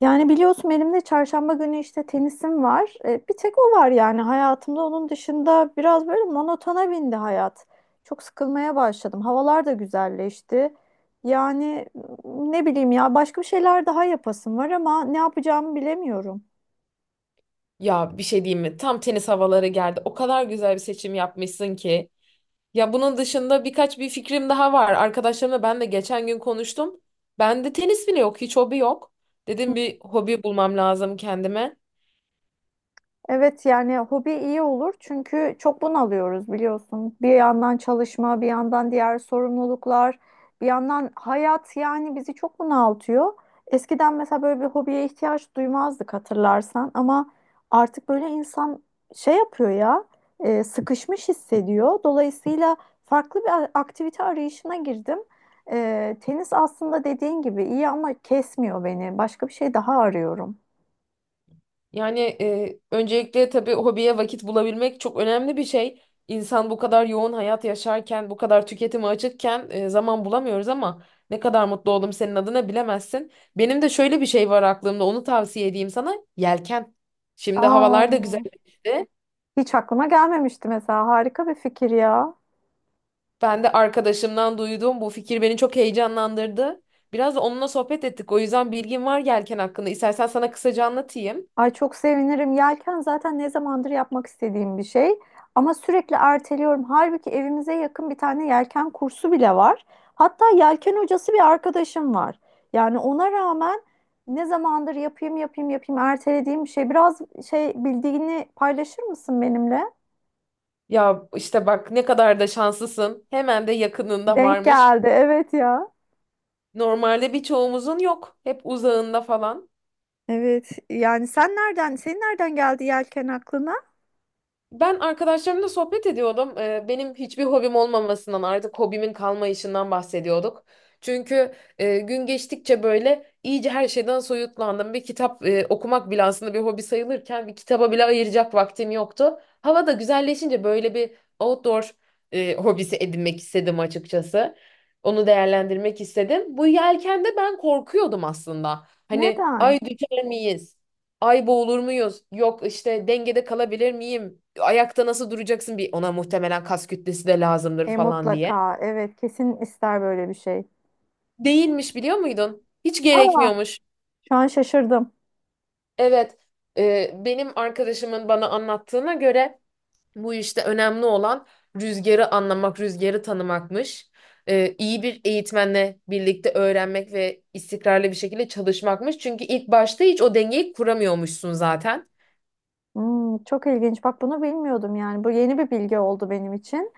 Yani biliyorsun elimde çarşamba günü işte tenisim var. Bir tek o var yani hayatımda. Onun dışında biraz böyle monotona bindi hayat. Çok sıkılmaya başladım. Havalar da güzelleşti. Yani ne bileyim ya başka bir şeyler daha yapasım var ama ne yapacağımı bilemiyorum. Ya bir şey diyeyim mi? Tam tenis havaları geldi. O kadar güzel bir seçim yapmışsın ki. Ya bunun dışında birkaç bir fikrim daha var. Arkadaşlarımla ben de geçen gün konuştum. Bende tenis bile yok, hiç hobi yok. Dedim bir hobi bulmam lazım kendime. Evet yani hobi iyi olur çünkü çok bunalıyoruz biliyorsun. Bir yandan çalışma, bir yandan diğer sorumluluklar, bir yandan hayat yani bizi çok bunaltıyor. Eskiden mesela böyle bir hobiye ihtiyaç duymazdık hatırlarsan ama artık böyle insan şey yapıyor ya, sıkışmış hissediyor. Dolayısıyla farklı bir aktivite arayışına girdim. Tenis aslında dediğin gibi iyi ama kesmiyor beni. Başka bir şey daha arıyorum. Yani öncelikle tabii hobiye vakit bulabilmek çok önemli bir şey. İnsan bu kadar yoğun hayat yaşarken, bu kadar tüketime açıkken zaman bulamıyoruz ama ne kadar mutlu oldum senin adına bilemezsin. Benim de şöyle bir şey var aklımda, onu tavsiye edeyim sana. Yelken. Şimdi Aa, havalar da güzelleşti. hiç aklıma gelmemişti mesela. Harika bir fikir ya. Ben de arkadaşımdan duyduğum bu fikir beni çok heyecanlandırdı. Biraz da onunla sohbet ettik. O yüzden bilgim var yelken hakkında. İstersen sana kısaca anlatayım. Ay çok sevinirim. Yelken zaten ne zamandır yapmak istediğim bir şey. Ama sürekli erteliyorum. Halbuki evimize yakın bir tane yelken kursu bile var. Hatta yelken hocası bir arkadaşım var. Yani ona rağmen ne zamandır yapayım yapayım yapayım ertelediğim bir şey. Biraz şey bildiğini paylaşır mısın benimle? Ya işte bak ne kadar da şanslısın. Hemen de yakınında Denk varmış. geldi. Evet ya. Normalde birçoğumuzun yok. Hep uzağında falan. Evet. Yani senin nereden geldi yelken aklına? Ben arkadaşlarımla sohbet ediyordum. Benim hiçbir hobim olmamasından artık hobimin kalmayışından bahsediyorduk. Çünkü gün geçtikçe böyle iyice her şeyden soyutlandım. Bir kitap okumak bile aslında bir hobi sayılırken bir kitaba bile ayıracak vaktim yoktu. Hava da güzelleşince böyle bir outdoor hobisi edinmek istedim açıkçası. Onu değerlendirmek istedim. Bu yelkende ben korkuyordum aslında. Hani Neden? ay düşer miyiz? Ay boğulur muyuz? Yok işte dengede kalabilir miyim? Ayakta nasıl duracaksın bir ona muhtemelen kas kütlesi de lazımdır E falan diye. mutlaka. Evet, kesin ister böyle bir şey. Değilmiş biliyor muydun? Hiç Aa, gerekmiyormuş. şu an şaşırdım. Evet, benim arkadaşımın bana anlattığına göre bu işte önemli olan rüzgarı anlamak, rüzgarı tanımakmış. İyi bir eğitmenle birlikte öğrenmek ve istikrarlı bir şekilde çalışmakmış. Çünkü ilk başta hiç o dengeyi kuramıyormuşsun zaten. Hmm, çok ilginç. Bak bunu bilmiyordum yani. Bu yeni bir bilgi oldu benim için.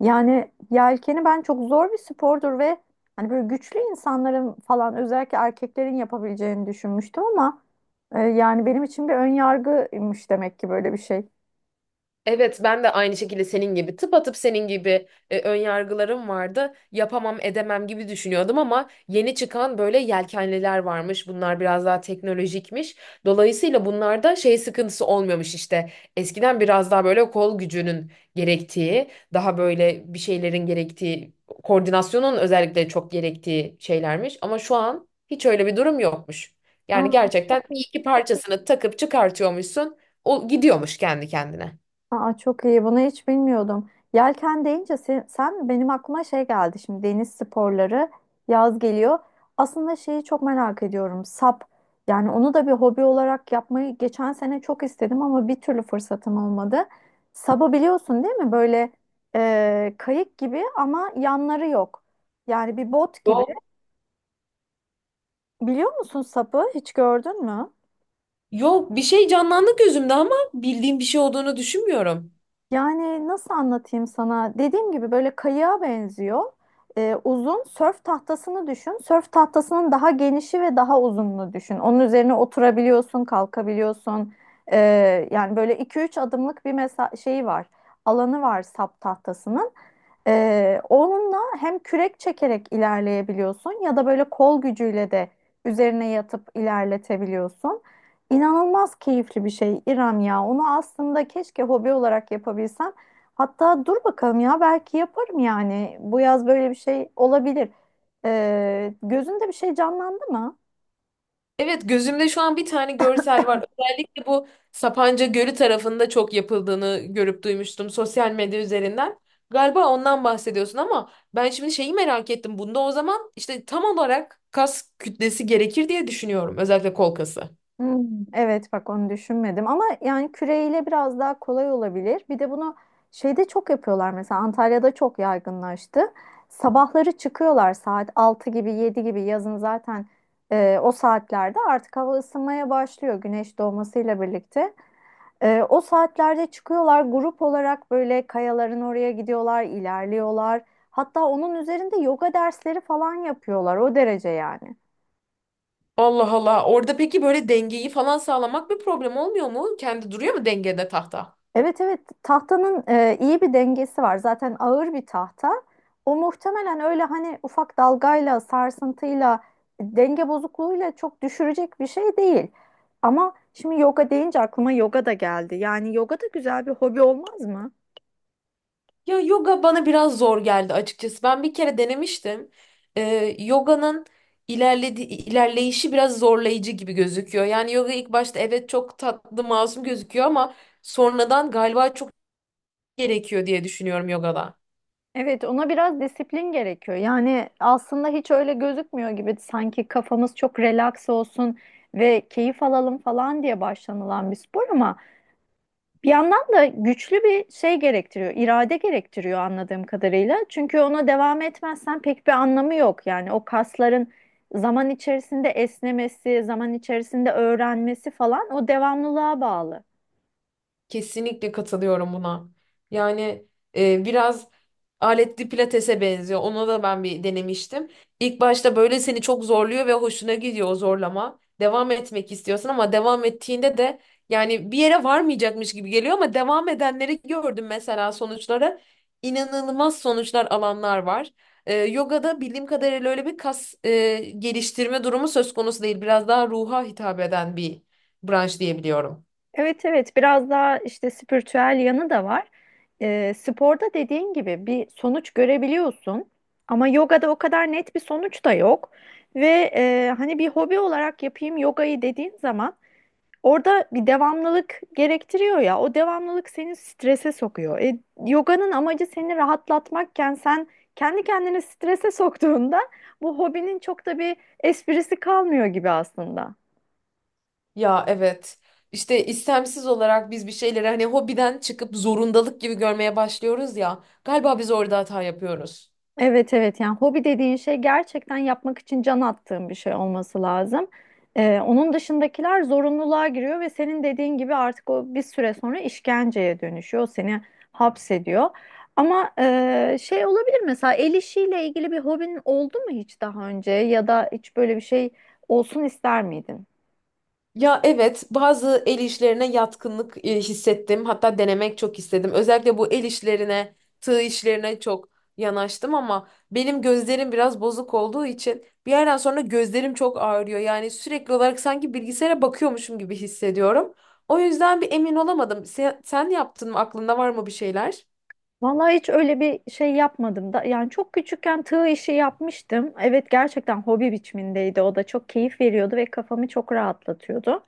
Yani yelkeni ben çok zor bir spordur ve hani böyle güçlü insanların falan özellikle erkeklerin yapabileceğini düşünmüştüm ama yani benim için bir ön yargıymış demek ki böyle bir şey. Evet ben de aynı şekilde senin gibi tıpatıp senin gibi ön yargılarım vardı. Yapamam edemem gibi düşünüyordum ama yeni çıkan böyle yelkenliler varmış. Bunlar biraz daha teknolojikmiş. Dolayısıyla bunlarda şey sıkıntısı olmuyormuş işte. Eskiden biraz daha böyle kol gücünün gerektiği, daha böyle bir şeylerin gerektiği, koordinasyonun özellikle çok gerektiği şeylermiş. Ama şu an hiç öyle bir durum yokmuş. Aa, Yani gerçekten çok iki parçasını takıp çıkartıyormuşsun. O gidiyormuş kendi kendine. Aa, çok iyi. Bunu hiç bilmiyordum. Yelken deyince sen benim aklıma şey geldi. Şimdi deniz sporları yaz geliyor. Aslında şeyi çok merak ediyorum. Sap. Yani onu da bir hobi olarak yapmayı geçen sene çok istedim ama bir türlü fırsatım olmadı. Sabı biliyorsun değil mi? Böyle kayık gibi ama yanları yok. Yani bir bot gibi. Yok. Biliyor musun sapı? Hiç gördün mü? Yok bir şey canlandı gözümde ama bildiğim bir şey olduğunu düşünmüyorum. Yani nasıl anlatayım sana? Dediğim gibi böyle kayığa benziyor. Uzun sörf tahtasını düşün. Sörf tahtasının daha genişi ve daha uzunluğu düşün. Onun üzerine oturabiliyorsun, kalkabiliyorsun. Yani böyle iki üç adımlık bir mesa şeyi var. Alanı var sap tahtasının. Onunla hem kürek çekerek ilerleyebiliyorsun ya da böyle kol gücüyle de üzerine yatıp ilerletebiliyorsun. İnanılmaz keyifli bir şey İrem ya. Onu aslında keşke hobi olarak yapabilsem. Hatta dur bakalım ya belki yaparım yani. Bu yaz böyle bir şey olabilir. Gözünde bir şey canlandı mı? Evet gözümde şu an bir tane görsel var. Özellikle bu Sapanca Gölü tarafında çok yapıldığını görüp duymuştum sosyal medya üzerinden. Galiba ondan bahsediyorsun ama ben şimdi şeyi merak ettim. Bunda o zaman işte tam olarak kas kütlesi gerekir diye düşünüyorum. Özellikle kol kası. Hmm, evet bak onu düşünmedim ama yani küreyle biraz daha kolay olabilir. Bir de bunu şeyde çok yapıyorlar mesela Antalya'da çok yaygınlaştı. Sabahları çıkıyorlar saat 6 gibi 7 gibi yazın zaten o saatlerde artık hava ısınmaya başlıyor güneş doğmasıyla birlikte. O saatlerde çıkıyorlar grup olarak böyle kayaların oraya gidiyorlar, ilerliyorlar. Hatta onun üzerinde yoga dersleri falan yapıyorlar o derece yani. Allah Allah. Orada peki böyle dengeyi falan sağlamak bir problem olmuyor mu? Kendi duruyor mu dengede tahta? Evet, evet, tahtanın iyi bir dengesi var. Zaten ağır bir tahta. O muhtemelen öyle hani ufak dalgayla, sarsıntıyla, denge bozukluğuyla çok düşürecek bir şey değil. Ama şimdi yoga deyince aklıma yoga da geldi. Yani yoga da güzel bir hobi olmaz mı? Ya yoga bana biraz zor geldi açıkçası. Ben bir kere denemiştim. Yoga'nın ilerleyişi biraz zorlayıcı gibi gözüküyor. Yani yoga ilk başta evet çok tatlı, masum gözüküyor ama sonradan galiba çok gerekiyor diye düşünüyorum yogada. Evet, ona biraz disiplin gerekiyor. Yani aslında hiç öyle gözükmüyor gibi sanki kafamız çok relax olsun ve keyif alalım falan diye başlanılan bir spor ama bir yandan da güçlü bir şey gerektiriyor, irade gerektiriyor anladığım kadarıyla. Çünkü ona devam etmezsen pek bir anlamı yok. Yani o kasların zaman içerisinde esnemesi, zaman içerisinde öğrenmesi falan o devamlılığa bağlı. Kesinlikle katılıyorum buna. Yani biraz aletli pilatese benziyor. Ona da ben bir denemiştim. İlk başta böyle seni çok zorluyor ve hoşuna gidiyor o zorlama. Devam etmek istiyorsun ama devam ettiğinde de yani bir yere varmayacakmış gibi geliyor ama devam edenleri gördüm mesela sonuçları. İnanılmaz sonuçlar alanlar var. Yogada bildiğim kadarıyla öyle bir kas geliştirme durumu söz konusu değil. Biraz daha ruha hitap eden bir branş diyebiliyorum. Evet, evet, biraz daha işte spiritüel yanı da var. Sporda dediğin gibi bir sonuç görebiliyorsun ama yogada o kadar net bir sonuç da yok. Ve hani bir hobi olarak yapayım yogayı dediğin zaman orada bir devamlılık gerektiriyor ya o devamlılık seni strese sokuyor. Yoganın amacı seni rahatlatmakken sen kendi kendini strese soktuğunda bu hobinin çok da bir esprisi kalmıyor gibi aslında. Ya evet. İşte istemsiz olarak biz bir şeyleri hani hobiden çıkıp zorundalık gibi görmeye başlıyoruz ya. Galiba biz orada hata yapıyoruz. Evet, evet, yani hobi dediğin şey gerçekten yapmak için can attığın bir şey olması lazım. Onun dışındakiler zorunluluğa giriyor ve senin dediğin gibi artık o bir süre sonra işkenceye dönüşüyor. Seni hapsediyor. Ama şey olabilir mesela el işiyle ilgili bir hobin oldu mu hiç daha önce ya da hiç böyle bir şey olsun ister miydin? Ya evet, bazı el işlerine yatkınlık hissettim. Hatta denemek çok istedim. Özellikle bu el işlerine, tığ işlerine çok yanaştım ama benim gözlerim biraz bozuk olduğu için bir yerden sonra gözlerim çok ağrıyor. Yani sürekli olarak sanki bilgisayara bakıyormuşum gibi hissediyorum. O yüzden bir emin olamadım. Sen yaptın mı? Aklında var mı bir şeyler? Vallahi hiç öyle bir şey yapmadım da yani çok küçükken tığ işi yapmıştım. Evet gerçekten hobi biçimindeydi o da çok keyif veriyordu ve kafamı çok rahatlatıyordu.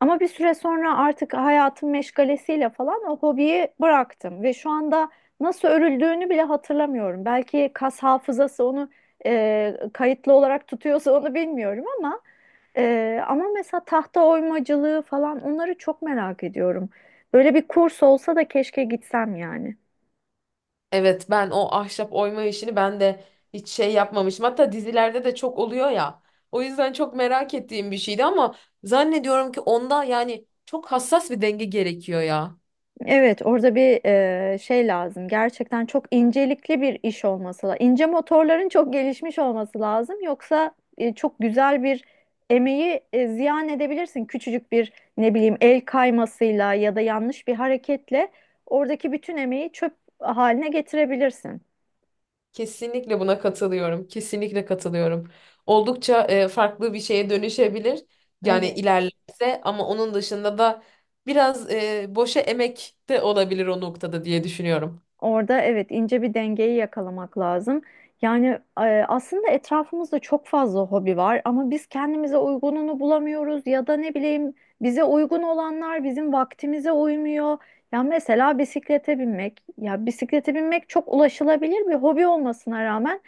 Ama bir süre sonra artık hayatın meşgalesiyle falan o hobiyi bıraktım ve şu anda nasıl örüldüğünü bile hatırlamıyorum. Belki kas hafızası onu kayıtlı olarak tutuyorsa onu bilmiyorum ama ama mesela tahta oymacılığı falan onları çok merak ediyorum. Böyle bir kurs olsa da keşke gitsem yani. Evet ben o ahşap oyma işini ben de hiç şey yapmamışım. Hatta dizilerde de çok oluyor ya. O yüzden çok merak ettiğim bir şeydi ama zannediyorum ki onda yani çok hassas bir denge gerekiyor ya. Evet, orada bir şey lazım. Gerçekten çok incelikli bir iş olması lazım. İnce motorların çok gelişmiş olması lazım. Yoksa çok güzel bir emeği ziyan edebilirsin. Küçücük bir ne bileyim el kaymasıyla ya da yanlış bir hareketle oradaki bütün emeği çöp haline getirebilirsin. Kesinlikle buna katılıyorum. Kesinlikle katılıyorum. Oldukça farklı bir şeye dönüşebilir. Yani Evet. ilerlerse ama onun dışında da biraz boşa emek de olabilir o noktada diye düşünüyorum. Orada evet ince bir dengeyi yakalamak lazım. Yani aslında etrafımızda çok fazla hobi var ama biz kendimize uygununu bulamıyoruz ya da ne bileyim bize uygun olanlar bizim vaktimize uymuyor. Ya mesela bisiklete binmek. Ya bisiklete binmek çok ulaşılabilir bir hobi olmasına rağmen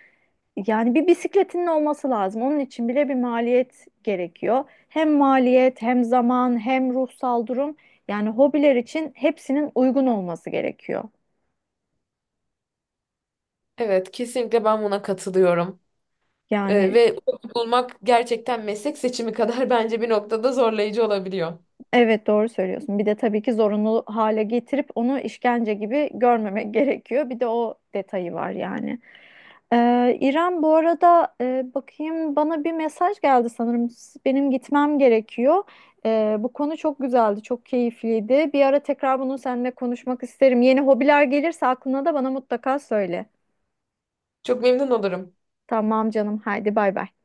yani bir bisikletinin olması lazım. Onun için bile bir maliyet gerekiyor. Hem maliyet, hem zaman, hem ruhsal durum. Yani hobiler için hepsinin uygun olması gerekiyor. Evet, kesinlikle ben buna katılıyorum. Ee, Yani ve bulmak gerçekten meslek seçimi kadar bence bir noktada zorlayıcı olabiliyor. evet doğru söylüyorsun. Bir de tabii ki zorunlu hale getirip onu işkence gibi görmemek gerekiyor. Bir de o detayı var yani. İrem bu arada bakayım bana bir mesaj geldi sanırım. Benim gitmem gerekiyor. Bu konu çok güzeldi, çok keyifliydi. Bir ara tekrar bunu seninle konuşmak isterim. Yeni hobiler gelirse aklına da bana mutlaka söyle. Çok memnun olurum. Tamam canım, haydi bay bay.